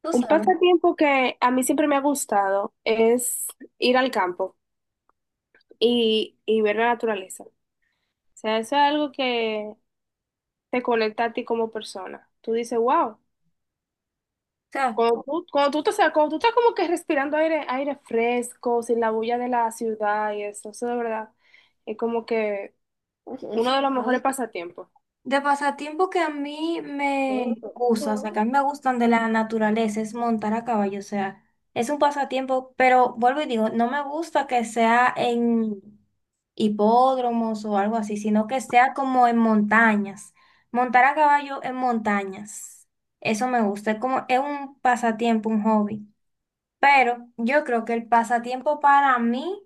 Tú Un sabes. O pasatiempo que a mí siempre me ha gustado es ir al campo y ver la naturaleza. O sea, eso es algo que te conecta a ti como persona. Tú dices, wow, sea, cuando tú estás como que respirando aire fresco, sin la bulla de la ciudad y eso de verdad es como que uno de los mejores pasatiempos. de pasatiempo que a mí me gusta, o sea, que a mí me gustan de la naturaleza, es montar a caballo. O sea, es un pasatiempo, pero vuelvo y digo, no me gusta que sea en hipódromos o algo así, sino que sea como en montañas. Montar a caballo en montañas, eso me gusta, es como, es un pasatiempo, un hobby. Pero yo creo que el pasatiempo para mí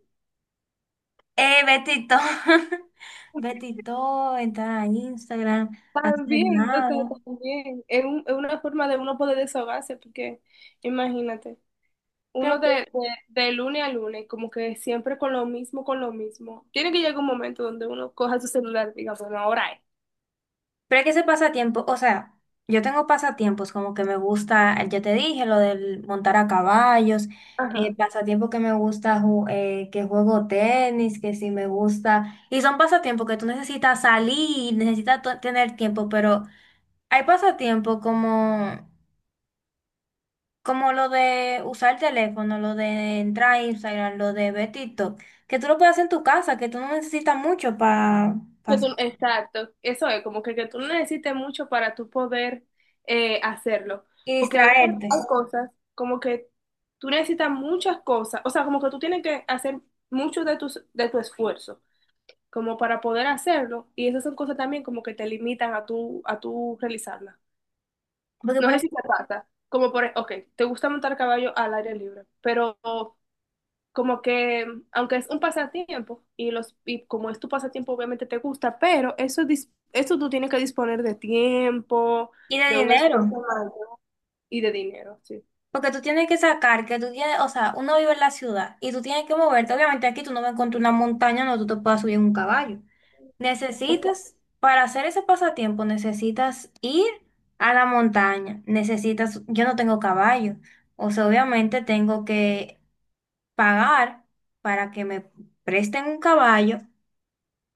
Betito. Betito, entrar a Instagram, hacer También, o sea, nada. también. Es una forma de uno poder desahogarse, porque imagínate. Pero, Uno de, tú- de, de lunes a lunes, como que siempre con lo mismo, con lo mismo. Tiene que llegar un momento donde uno coja su celular y diga, bueno, ahora es. pero es que ese pasatiempo, o sea, yo tengo pasatiempos como que me gusta, ya te dije, lo del montar a caballos, Ajá. pasatiempo que me gusta, que juego tenis, que sí me gusta. Y son pasatiempos que tú necesitas salir, necesitas tener tiempo, pero hay pasatiempos como... Como lo de usar el teléfono, lo de entrar a Instagram, lo de ver TikTok, que tú lo puedes hacer en tu casa, que tú no necesitas mucho para hacer Exacto, eso es, como que tú no necesites mucho para tú poder hacerlo. y Porque a veces hay distraerte. cosas como que tú necesitas muchas cosas, o sea, como que tú tienes que hacer mucho de tu esfuerzo, como para poder hacerlo. Y esas son cosas también como que te limitan a tú realizarlas. Porque, por No sé ejemplo, si te pasa, como por, ok, te gusta montar caballo al aire libre, pero como que, aunque es un pasatiempo y los y como es tu pasatiempo, obviamente te gusta, pero eso tú tienes que disponer de tiempo, y de de un dinero, esfuerzo mayor y de dinero, sí. porque tú tienes que sacar, que tú tienes, o sea, uno vive en la ciudad y tú tienes que moverte. Obviamente aquí tú no vas a encontrar una montaña donde tú te puedas subir en un caballo. Necesitas, para hacer ese pasatiempo, necesitas ir a la montaña, necesitas, yo no tengo caballo. O sea, obviamente tengo que pagar para que me presten un caballo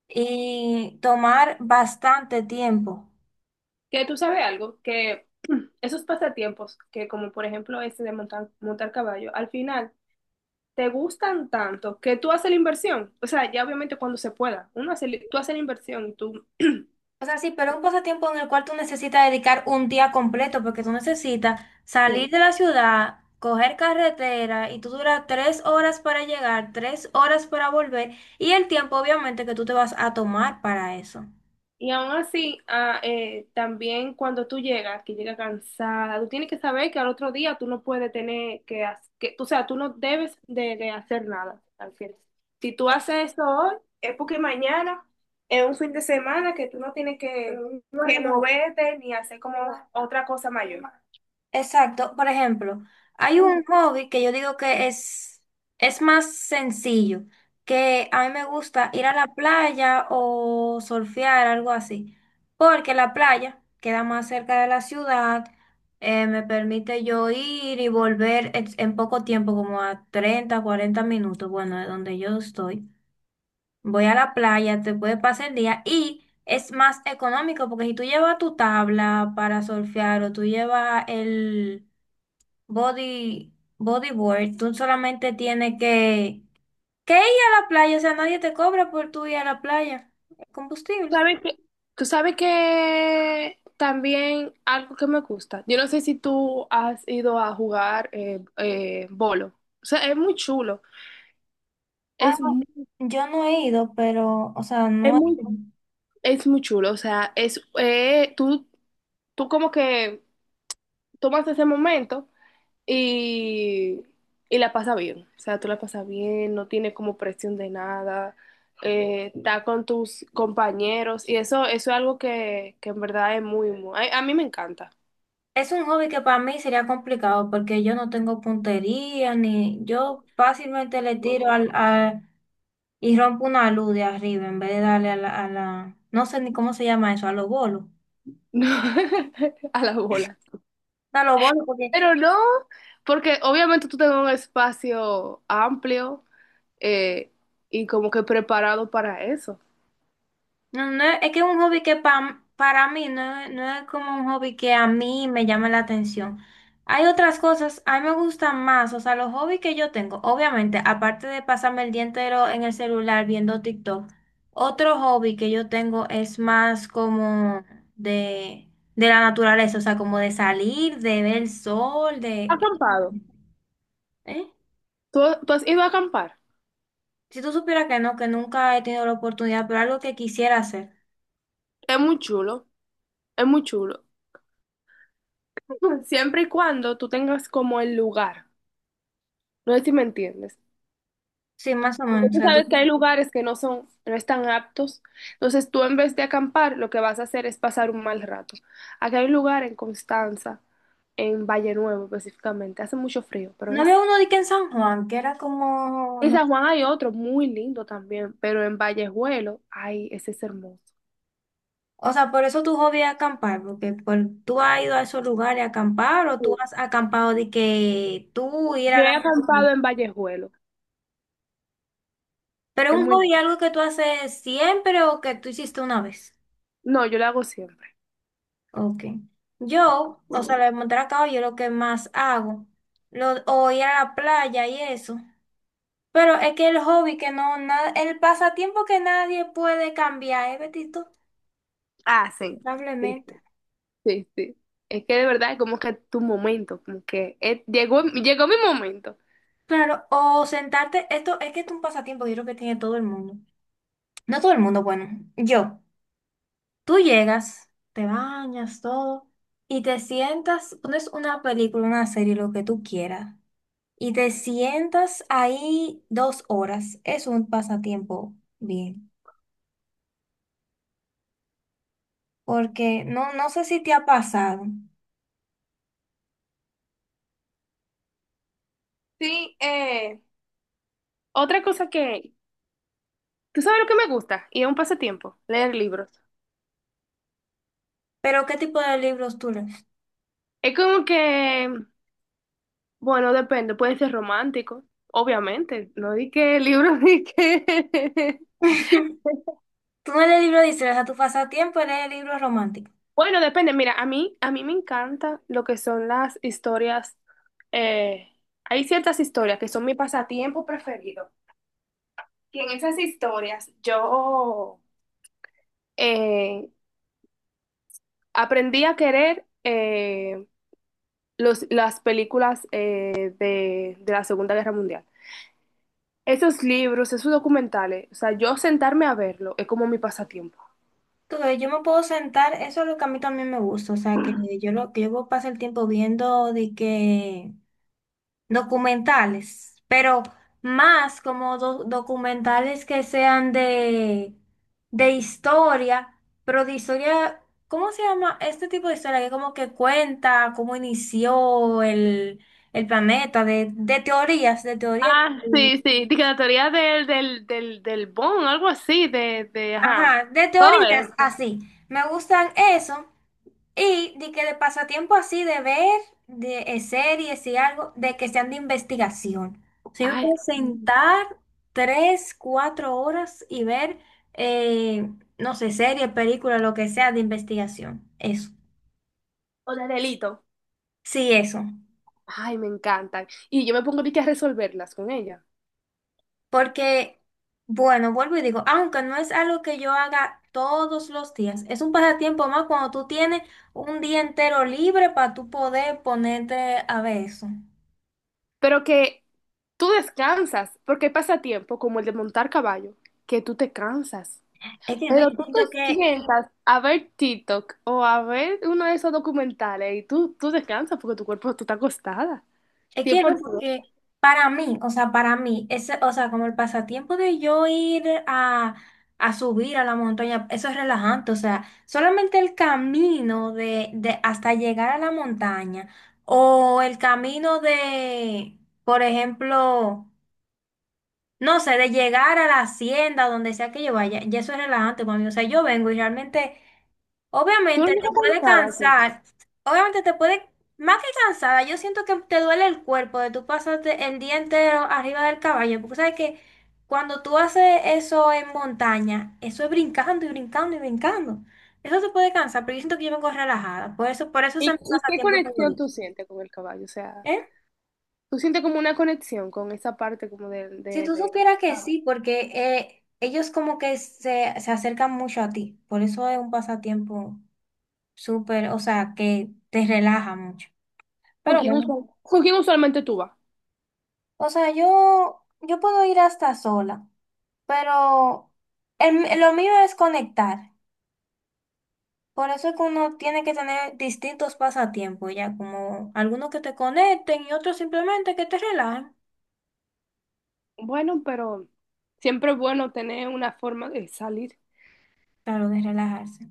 y tomar bastante tiempo. Que tú sabes algo, que esos pasatiempos, que como por ejemplo este de montar caballo, al final te gustan tanto que tú haces la inversión. O sea, ya obviamente cuando se pueda, uno tú haces la inversión y tú O sea, sí, pero un pasatiempo en el cual tú necesitas dedicar un día completo porque tú necesitas sí. salir de la ciudad, coger carretera y tú duras 3 horas para llegar, 3 horas para volver, y el tiempo obviamente que tú te vas a tomar para eso. Y aún así, ah, también cuando tú llegas, que llegas cansada, tú tienes que saber que al otro día tú no puedes tener que, o sea, tú no debes de hacer nada al final. Si tú haces eso hoy, es porque mañana es un fin de semana que tú no tienes que moverte ni hacer como otra cosa mayor. Exacto. Por ejemplo, hay un hobby que yo digo que es más sencillo, que a mí me gusta ir a la playa o surfear, algo así, porque la playa queda más cerca de la ciudad. Me permite yo ir y volver en poco tiempo, como a 30 40 minutos, bueno, de donde yo estoy. Voy a la playa, te puede pasar el día y es más económico porque si tú llevas tu tabla para surfear o tú llevas el, Body, bodyboard, tú solamente tienes que ir a la playa. O sea, nadie te cobra por tú ir a la playa, el combustible. ¿Sabes que tú sabes que también algo que me gusta? Yo no sé si tú has ido a jugar bolo. O sea, es muy chulo. Ah, Es mu- yo no he ido, pero, o sea, es no he muy, ido. es muy chulo, o sea, tú como que tomas ese momento y, y la pasas bien, o sea, tú la pasas bien, no tienes como presión de nada, está con tus compañeros y eso es algo que en verdad es muy, muy, a mí me encanta. Es un hobby que para mí sería complicado porque yo no tengo puntería, ni yo fácilmente le tiro al- y rompo una luz de arriba en vez de darle a la, no sé ni cómo se llama eso, a los bolos. A la bola. A los bolos, porque Pero no, porque obviamente tú tengas un espacio amplio eh, y como que preparado para eso. No, no, es que es un hobby que pa- para mí no, es- no es como un hobby que a mí me llama la atención. Hay otras cosas, a mí me gustan más, o sea, los hobbies que yo tengo, obviamente, aparte de pasarme el día entero en el celular viendo TikTok, otro hobby que yo tengo es más como de, de la naturaleza, o sea, como de salir, de ver el sol, de... Acampado. ¿Eh? ¿Tú, Tú has ido a acampar? Si tú supieras que no, que nunca he tenido la oportunidad, pero algo que quisiera hacer. Es muy chulo, es muy chulo. Siempre y cuando tú tengas como el lugar. No sé si me entiendes. Sí, más o Porque menos, o tú sea, tú... sabes que hay lugares que no están aptos. Entonces tú en vez de acampar, lo que vas a hacer es pasar un mal rato. Aquí hay un lugar en Constanza, en Valle Nuevo específicamente. Hace mucho frío, pero No es... había uno de que en San Juan, que era como, En no. San Juan hay otro muy lindo también, pero en Vallejuelo, ay, ese es hermoso. O sea, por eso tu hobby es acampar, porque por, tú has ido a esos lugares a acampar o tú Sí. has acampado de que tú ir a Yo la he montaña. acampado en Vallejuelo. Pero Es un muy hobby lindo. algo que tú haces siempre o que tú hiciste una vez. No, yo lo hago siempre. Ok. Yo, o sea, lo de montar a caballo es lo que más hago. Lo, o ir a la playa y eso. Pero es que el hobby que no, na- el pasatiempo que nadie puede cambiar, ¿eh, Betito? Ah, sí, sí, Lamentablemente. sí, sí, sí. Es que de verdad es como que tu momento, como que llegó, llegó mi momento. Claro, o sentarte, esto es que es un pasatiempo, yo creo que tiene todo el mundo. No todo el mundo, bueno, yo. Tú llegas, te bañas, todo, y te sientas, pones una película, una serie, lo que tú quieras, y te sientas ahí 2 horas. Es un pasatiempo bien, porque no, no sé si te ha pasado, Sí, otra cosa que... ¿tú sabes lo que me gusta? Y es un pasatiempo, leer libros. pero ¿qué tipo de libros tú lees? Es como que, bueno, depende, puede ser romántico, obviamente, no di que libros, di que... Tú no lees libros de historia, o sea, tu pasatiempo es leer libros románticos. Bueno, depende, mira, a mí me encanta lo que son las historias, eh, hay ciertas historias que son mi pasatiempo preferido. Y en esas historias yo eh, aprendí a querer los, las películas eh, de de la Segunda Guerra Mundial. Esos libros, esos documentales, o sea, yo sentarme a verlo es como mi pasatiempo. Tú ves, yo me puedo sentar, eso es lo que a mí también me gusta, o sea, que yo lo que yo paso el tiempo viendo de que documentales, pero más como documentales que sean de historia, pero de historia, ¿cómo se llama este tipo de historia? Que como que cuenta cómo inició el planeta, de teorías, Ah, sí, sí, de que la teoría del Bond, algo así, ajá, ajá, de todo teorías eso. así. Me gustan eso. Y de que de pasatiempo así, de ver de, series y algo, de que sean de investigación. Si me Ay, puedo sí. sentar 3, 4 horas y ver, eh, no sé, serie, película, lo que sea de investigación. Eso. O de delito. Sí, eso. Ay, me encantan. Y yo me pongo de que a resolverlas con ella. Porque, bueno, vuelvo y digo, aunque no es algo que yo haga todos los días, es un pasatiempo más cuando tú tienes un día entero libre para tú poder ponerte a ver eso. Pero que tú descansas, porque hay pasatiempo como el de montar caballo, que tú te cansas. Es que no, Pero yo tú te siento que sientas a ver TikTok o a ver uno de esos documentales y tú descansas porque tu cuerpo, tú estás acostada. es cien que no, por ciento porque para mí, o sea, para mí, ese, o sea, como el pasatiempo de yo ir a subir a la montaña, eso es relajante. O sea, solamente el camino de hasta llegar a la montaña o el camino de, por ejemplo, no sé, de llegar a la hacienda, donde sea que yo vaya, ya eso es relajante para mí. O sea, yo vengo y realmente, Tú no obviamente llegas te puede cansada así. cansar, obviamente te puede, más que cansada, yo siento que te duele el cuerpo de tú pasarte el día entero arriba del caballo, porque sabes que cuando tú haces eso en montaña, eso es brincando y brincando y brincando. Eso te puede cansar, pero yo siento que yo vengo relajada. Por eso es mi ¿ y qué pasatiempo conexión favorito. tú sientes con el caballo? O sea, ¿Eh? tú sientes como una conexión con esa parte como de... Si tú de... supieras que sí, porque ellos como que se acercan mucho a ti, por eso es un pasatiempo súper, o sea, que te relaja mucho. ¿Con Pero quién bueno, con quién usualmente tú vas? o sea, yo puedo ir hasta sola, pero el- lo mío es conectar. Por eso es que uno tiene que tener distintos pasatiempos, ya como algunos que te conecten y otros simplemente que te relajen. Bueno, pero siempre es bueno tener una forma de salir. Claro, de relajarse.